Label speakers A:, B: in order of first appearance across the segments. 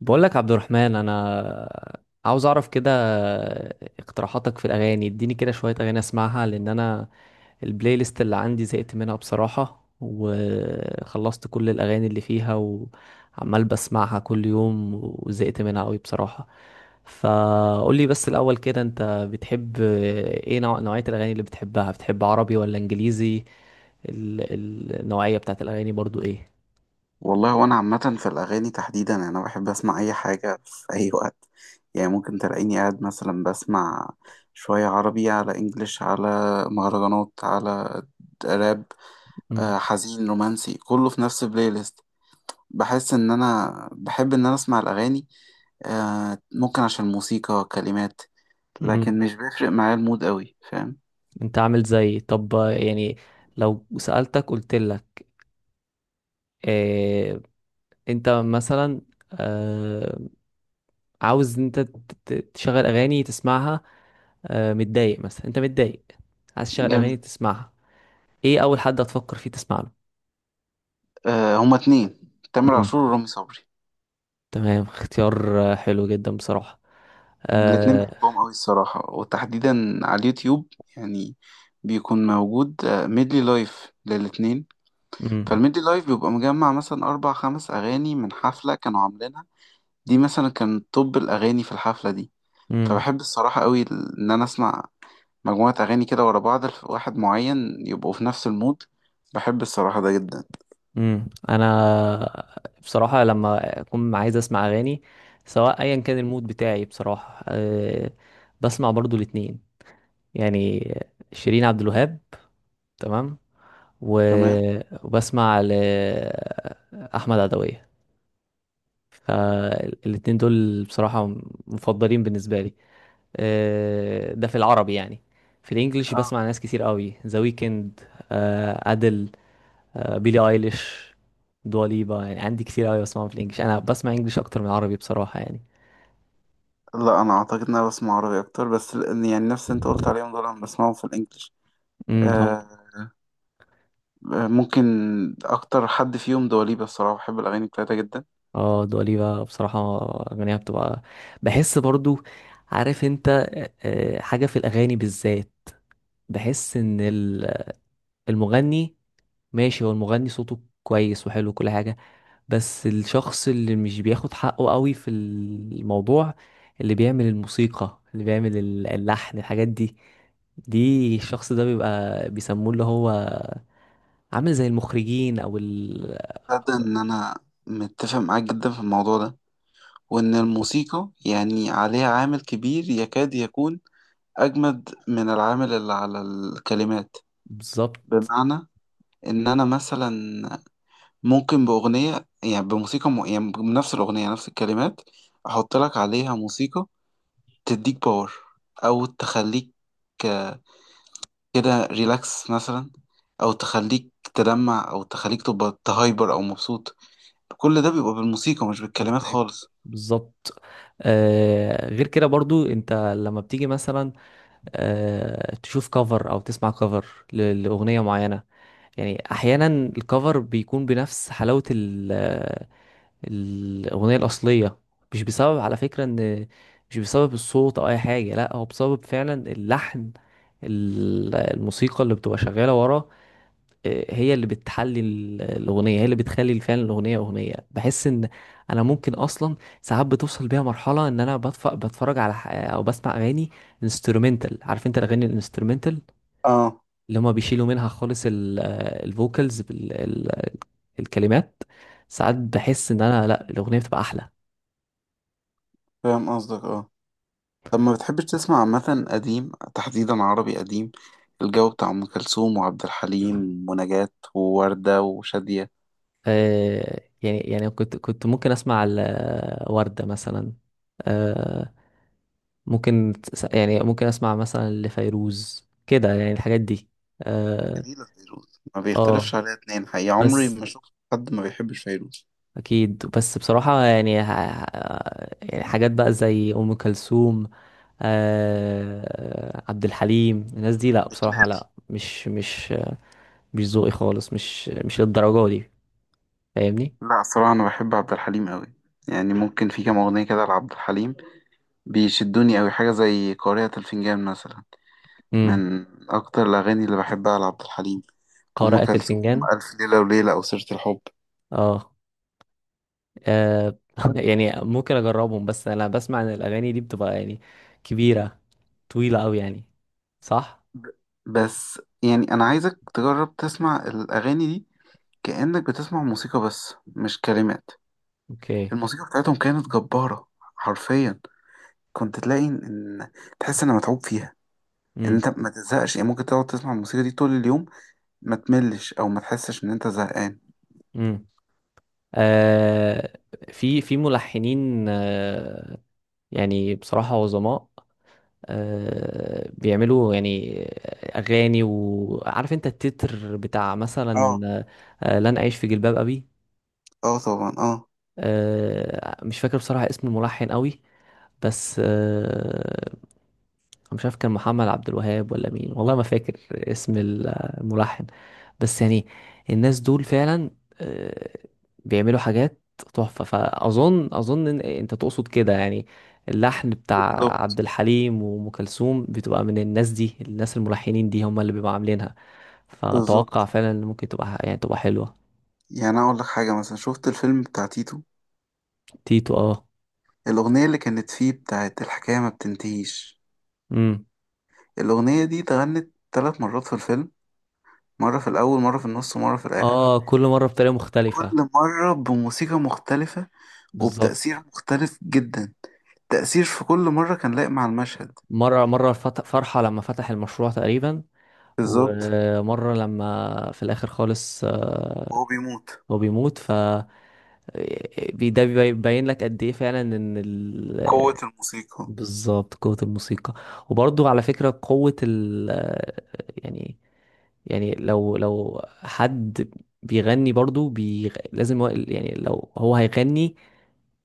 A: بقول لك عبد الرحمن، انا عاوز اعرف كده اقتراحاتك في الاغاني. اديني كده شوية اغاني اسمعها، لان انا البلاي ليست اللي عندي زهقت منها بصراحة، وخلصت كل الاغاني اللي فيها، وعمال بسمعها كل يوم وزهقت منها قوي بصراحة. فقول لي بس الاول كده، انت بتحب ايه؟ نوعية الاغاني اللي بتحبها، بتحب عربي ولا انجليزي؟ النوعية بتاعت الاغاني برضو ايه؟
B: والله وانا عامة في الاغاني تحديدا يعني انا بحب اسمع اي حاجة في اي وقت. يعني ممكن تلاقيني قاعد مثلا بسمع شوية عربي على انجليش على مهرجانات على راب حزين رومانسي كله في نفس البلاي ليست. بحس ان انا بحب ان انا اسمع الاغاني، ممكن عشان الموسيقى كلمات،
A: امم.
B: لكن مش بيفرق معايا المود قوي، فاهم؟
A: انت عامل زيي طب، يعني لو سألتك قلت لك اه؟ انت مثلا اه، عاوز انت تشغل اغاني تسمعها، اه، متضايق مثلا، انت متضايق عايز تشغل اغاني
B: جميل.
A: تسمعها، ايه اول حد هتفكر فيه تسمع له؟
B: هما 2، تامر
A: امم.
B: عاشور ورامي صبري.
A: تمام، اختيار حلو جدا بصراحة.
B: الاتنين
A: اه.
B: بحبهم قوي الصراحة، وتحديدا على اليوتيوب يعني بيكون موجود ميدلي لايف للاتنين.
A: امم.
B: فالميدلي لايف بيبقى مجمع مثلا أربع خمس أغاني من حفلة كانوا عاملينها، دي مثلا كان توب الأغاني في الحفلة دي.
A: امم.
B: فبحب الصراحة قوي إن أنا أسمع مجموعة أغاني كده ورا بعض واحد معين يبقوا في نفس المود. بحب الصراحة ده جدا.
A: امم. انا بصراحة لما اكون عايز اسمع اغاني، سواء ايا كان المود بتاعي بصراحة، بسمع برضو الاتنين، يعني شيرين عبد الوهاب، تمام،
B: تمام.
A: و- وبسمع لأحمد عدوية. فالاتنين دول بصراحة مفضلين بالنسبة لي. ده في العربي يعني. في الانجليش
B: اه،
A: بسمع ناس كتير قوي، ذا ويكند، أدل، بيلي ايليش، دواليبا، يعني عندي كتير قوي بسمعهم في الانجليش، انا بسمع انجليش اكتر من عربي بصراحة يعني.
B: لا أنا أعتقد إن أنا بسمع عربي أكتر، بس يعني نفس اللي أنت قلت عليهم دول أنا بسمعهم في الإنجليش.
A: امم، هم.
B: ممكن اكتر حد فيهم دواليبة، الصراحة بحب الاغاني بتاعتها جدا.
A: اه، دواليبا بصراحة، أغانيها بتبقى، بحس برضو، عارف انت، حاجة في الأغاني بالذات. بحس إن المغني، ماشي هو المغني صوته كويس وحلو وكل حاجة، بس الشخص اللي مش بياخد حقه قوي في الموضوع، اللي بيعمل الموسيقى، اللي بيعمل اللحن، الحاجات دي، دي الشخص ده بيبقى بيسموه، اللي هو عامل زي المخرجين، أو
B: تصدق ان انا متفق معاك جدا في الموضوع ده، وان
A: مم.
B: الموسيقى يعني عليها عامل كبير يكاد يكون اجمد من العامل اللي على الكلمات.
A: بالظبط.
B: بمعنى ان انا مثلا ممكن باغنية يعني بموسيقى يعني بنفس الاغنية نفس الكلمات احط لك عليها موسيقى تديك باور، او تخليك كده ريلاكس مثلا، او تخليك تدمع، او تخليك تبقى تهايبر او مبسوط. كل ده بيبقى بالموسيقى مش بالكلمات
A: مستهلك.
B: خالص.
A: بالظبط. غير كده برضو، انت لما بتيجي مثلا تشوف كفر او تسمع كفر لاغنيه معينه، يعني احيانا الكفر بيكون بنفس حلاوه الاغنيه الاصليه. مش بسبب، على فكره، ان مش بسبب الصوت او اي حاجه، لا هو بسبب فعلا اللحن، الموسيقى اللي بتبقى شغاله ورا، هي اللي بتحلي الأغنية، هي اللي بتخلي فعلا الأغنية أغنية. بحس إن أنا ممكن أصلا ساعات بتوصل بيها مرحلة إن أنا بتفرج على أو بسمع أغاني انسترومنتال، عارف أنت الأغاني الانسترومنتال،
B: اه،
A: اللي هما بيشيلوا منها خالص الفوكالز، الكلمات. ساعات بحس إن أنا، لأ، الأغنية بتبقى أحلى.
B: فاهم قصدك، اه. طب ما بتحبش تسمع عامة قديم، تحديدا عربي قديم؟ الجو بتاع أم كلثوم وعبد الحليم ونجاة ووردة وشادية.
A: يعني كنت ممكن أسمع وردة مثلا، آه، ممكن يعني ممكن اسمع مثلا لفيروز كده، يعني الحاجات دي. اه.
B: جميلة فيروز، ما
A: آه،
B: بيختلفش عليها اتنين، حقيقة عمري
A: بس
B: ما شفت حد ما بيحبش فيروز.
A: اكيد، بس بصراحة يعني يعني حاجات بقى زي ام كلثوم، عبد الحليم، الناس دي لا
B: بتمل؟
A: بصراحة، لا مش ذوقي خالص، مش للدرجة دي، فاهمني؟
B: لا الصراحة أنا بحب عبد الحليم أوي، يعني ممكن في كام أغنية كده لعبد الحليم بيشدوني أوي، حاجة زي قارئة الفنجان مثلا،
A: امم.
B: من أكتر الأغاني اللي بحبها لعبد الحليم. أم
A: قارئة
B: كلثوم
A: الفنجان،
B: ألف ليلة وليلة أو سيرة الحب.
A: اه. آه يعني ممكن اجربهم، بس انا بسمع ان الاغاني دي بتبقى يعني كبيره، طويله قوي يعني. صح.
B: ب- بس يعني أنا عايزك تجرب تسمع الأغاني دي كأنك بتسمع موسيقى بس مش كلمات.
A: اوكي.
B: الموسيقى بتاعتهم كانت جبارة، حرفيا كنت تلاقي إن إن تحس إن متعوب فيها، إن
A: امم.
B: أنت ما تزهقش. يعني ممكن تقعد تسمع الموسيقى دي طول اليوم ما تملش أو ما تحسش إن أنت زهقان.
A: امم. آه. في ملحنين، يعني بصراحه عظماء، بيعملوا يعني اغاني، وعارف انت التتر بتاع مثلا
B: اه.
A: لن اعيش في جلباب ابي.
B: اه، طبعا، اه.
A: مش فاكر بصراحه اسم الملحن قوي، بس مش عارف كان محمد عبد الوهاب ولا مين، والله ما فاكر اسم الملحن، بس يعني الناس دول فعلا آه، بيعملوا حاجات تحفة. فأظن إن أنت تقصد كده يعني، اللحن بتاع عبد
B: بالظبط.
A: الحليم وأم كلثوم بتبقى من الناس دي، الناس الملحنين دي هم اللي بيبقوا عاملينها. فأتوقع
B: بالظبط،
A: فعلا إن ممكن تبقى يعني تبقى حلوة.
B: يعني اقول لك حاجه، مثلا شفت الفيلم بتاع تيتو،
A: تيتو، اه.
B: الاغنيه اللي كانت فيه بتاعت الحكايه ما بتنتهيش،
A: امم.
B: الاغنيه دي اتغنت 3 مرات في الفيلم، مره في الاول، مره في النص، ومره في الاخر.
A: اه، كل مرة بطريقة
B: كل
A: مختلفة.
B: مره بموسيقى مختلفه وبتاثير
A: بالظبط.
B: مختلف جدا، تاثير في كل مره كان لايق مع المشهد.
A: مرة فرحة لما فتح المشروع تقريبا،
B: بالظبط.
A: ومرة لما في الآخر خالص،
B: وهو بيموت.
A: هو بيموت. ده بيبين لك قد ايه فعلا ان
B: قوه الموسيقى.
A: بالظبط، قوة الموسيقى. وبرضو على فكرة قوة يعني، لو حد بيغني برضو لازم يعني لو هو هيغني،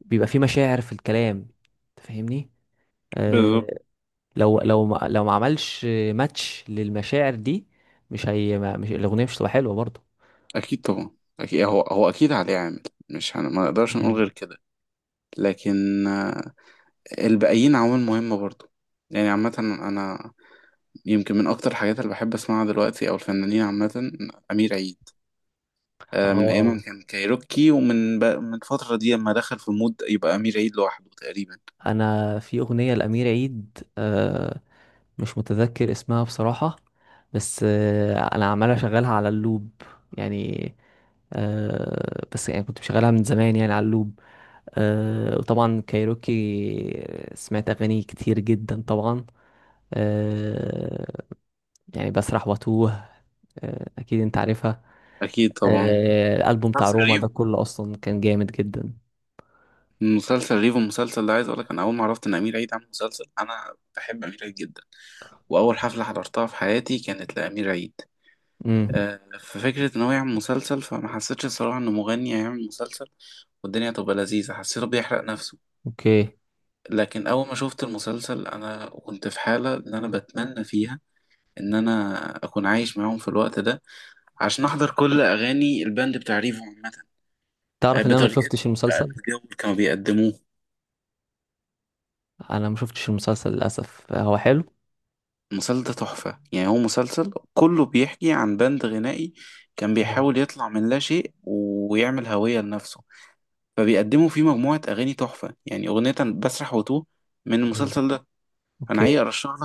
A: بيبقى فيه مشاعر في الكلام، تفهمني؟ آه
B: بالظبط.
A: لو ما... لو ما عملش ماتش للمشاعر دي، مش هي ما... مش الأغنية مش هتبقى حلوة برضو.
B: اكيد طبعا، اكيد هو اكيد عليه عامل، مش هن... ما نقدرش نقول
A: مم.
B: غير كده. لكن الباقيين عوامل مهمه برضو. يعني عامه انا يمكن من اكتر الحاجات اللي بحب اسمعها دلوقتي او الفنانين عامه، امير عيد، من ايام
A: اه،
B: ما كان كايروكي ومن من الفتره دي لما دخل في مود يبقى امير عيد لوحده تقريبا.
A: انا في اغنيه لامير عيد، مش متذكر اسمها بصراحه، بس انا عمال اشغلها على اللوب يعني. بس يعني كنت مشغلها من زمان يعني على اللوب. وطبعا كايروكي، سمعت اغاني كتير جدا طبعا. آه يعني بسرح واتوه، اكيد انت عارفها.
B: اكيد طبعا.
A: الالبوم بتاع
B: مسلسل
A: روما
B: ريفو
A: ده كله اصلا كان جامد جدا.
B: مسلسل ريفو المسلسل ده عايز اقول لك، انا اول ما عرفت ان امير عيد عامل مسلسل، انا بحب امير عيد جدا واول حفله حضرتها في حياتي كانت لامير عيد،
A: امم.
B: ففكره ان هو يعمل مسلسل فما حسيتش الصراحه انه مغني هيعمل مسلسل والدنيا تبقى لذيذه، حسيته بيحرق نفسه.
A: اوكي.
B: لكن اول ما شفت المسلسل انا كنت في حالة ان انا بتمنى فيها ان انا اكون عايش معاهم في الوقت ده عشان احضر كل اغاني الباند بتاع ريفو عامة،
A: تعرف ان انا ما شفتش
B: بطريقتهم بقى
A: المسلسل؟
B: بالجو اللي كانوا بيقدموه.
A: انا ما شفتش المسلسل للاسف، هو حلو؟
B: المسلسل ده تحفة، يعني هو مسلسل كله بيحكي عن باند غنائي كان
A: مم.
B: بيحاول يطلع من لا شيء ويعمل هوية لنفسه، فبيقدموا فيه مجموعة أغاني تحفة يعني، أغنية بسرح وتوه من
A: مم.
B: المسلسل ده. أنا حقيقي
A: اوكي.
B: أرشح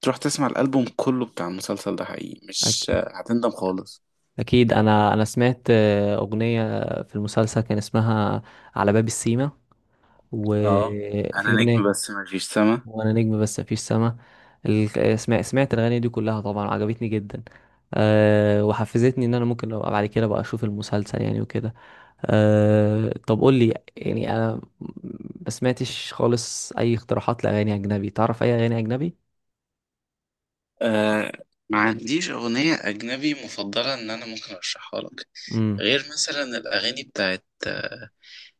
B: تروح تسمع الألبوم كله بتاع المسلسل ده، حقيقي مش
A: أك-
B: هتندم خالص.
A: اكيد انا سمعت اغنيه في المسلسل كان اسمها على باب السيما،
B: اه،
A: وفي
B: انا
A: اغنيه
B: نجم بس مفيش سما.
A: وانا نجم بس مفيش سما. سمعت الاغاني دي كلها طبعا، عجبتني جدا. وحفزتني ان انا ممكن لو بعد كده بقى اشوف المسلسل يعني وكده. طب قول لي، يعني انا ما سمعتش خالص اي اقتراحات لاغاني اجنبي، تعرف اي اغاني اجنبي؟
B: آه ما عنديش أغنية أجنبي مفضلة إن أنا ممكن أرشحها لك،
A: امم.
B: غير مثلا الأغاني بتاعت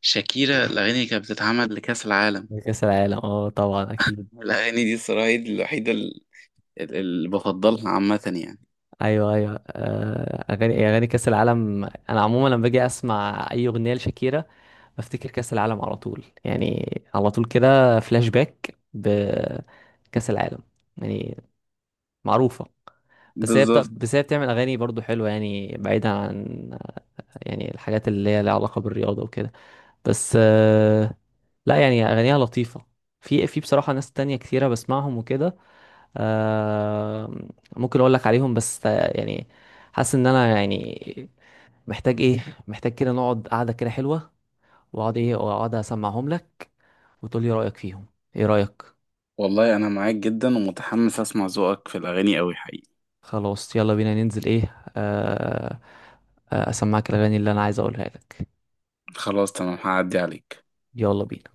B: شاكيرا الأغاني اللي كانت بتتعمل لكأس العالم.
A: كأس العالم، اه طبعا اكيد.
B: الأغاني دي الصراحة هي دي الوحيدة اللي بفضلها عامة يعني.
A: ايوه، ايوه، اغاني كأس العالم. انا عموما لما باجي اسمع اي اغنيه لشاكيرا بفتكر كأس العالم على طول، يعني على طول كده فلاش باك بكأس العالم، يعني معروفه.
B: بالظبط.
A: بس هي بتعمل اغاني برضو حلوه، يعني بعيدا عن يعني الحاجات اللي هي لها علاقه بالرياضه وكده، بس لا يعني اغانيها لطيفه. في بصراحه ناس تانية كتيره بسمعهم وكده. آه ممكن اقول لك عليهم، بس يعني حاسس ان انا يعني محتاج ايه، محتاج كده نقعد قعده كده حلوه، واقعد ايه، واقعد اسمعهم لك، وتقول لي رايك فيهم. ايه رايك؟
B: والله أنا معاك جدا ومتحمس أسمع ذوقك في الأغاني أوي حقيقي.
A: خلاص يلا بينا، ننزل ايه، اسمعك الاغاني اللي انا عايز اقولها لك.
B: خلاص تمام، هعدي عليك.
A: يلا بينا.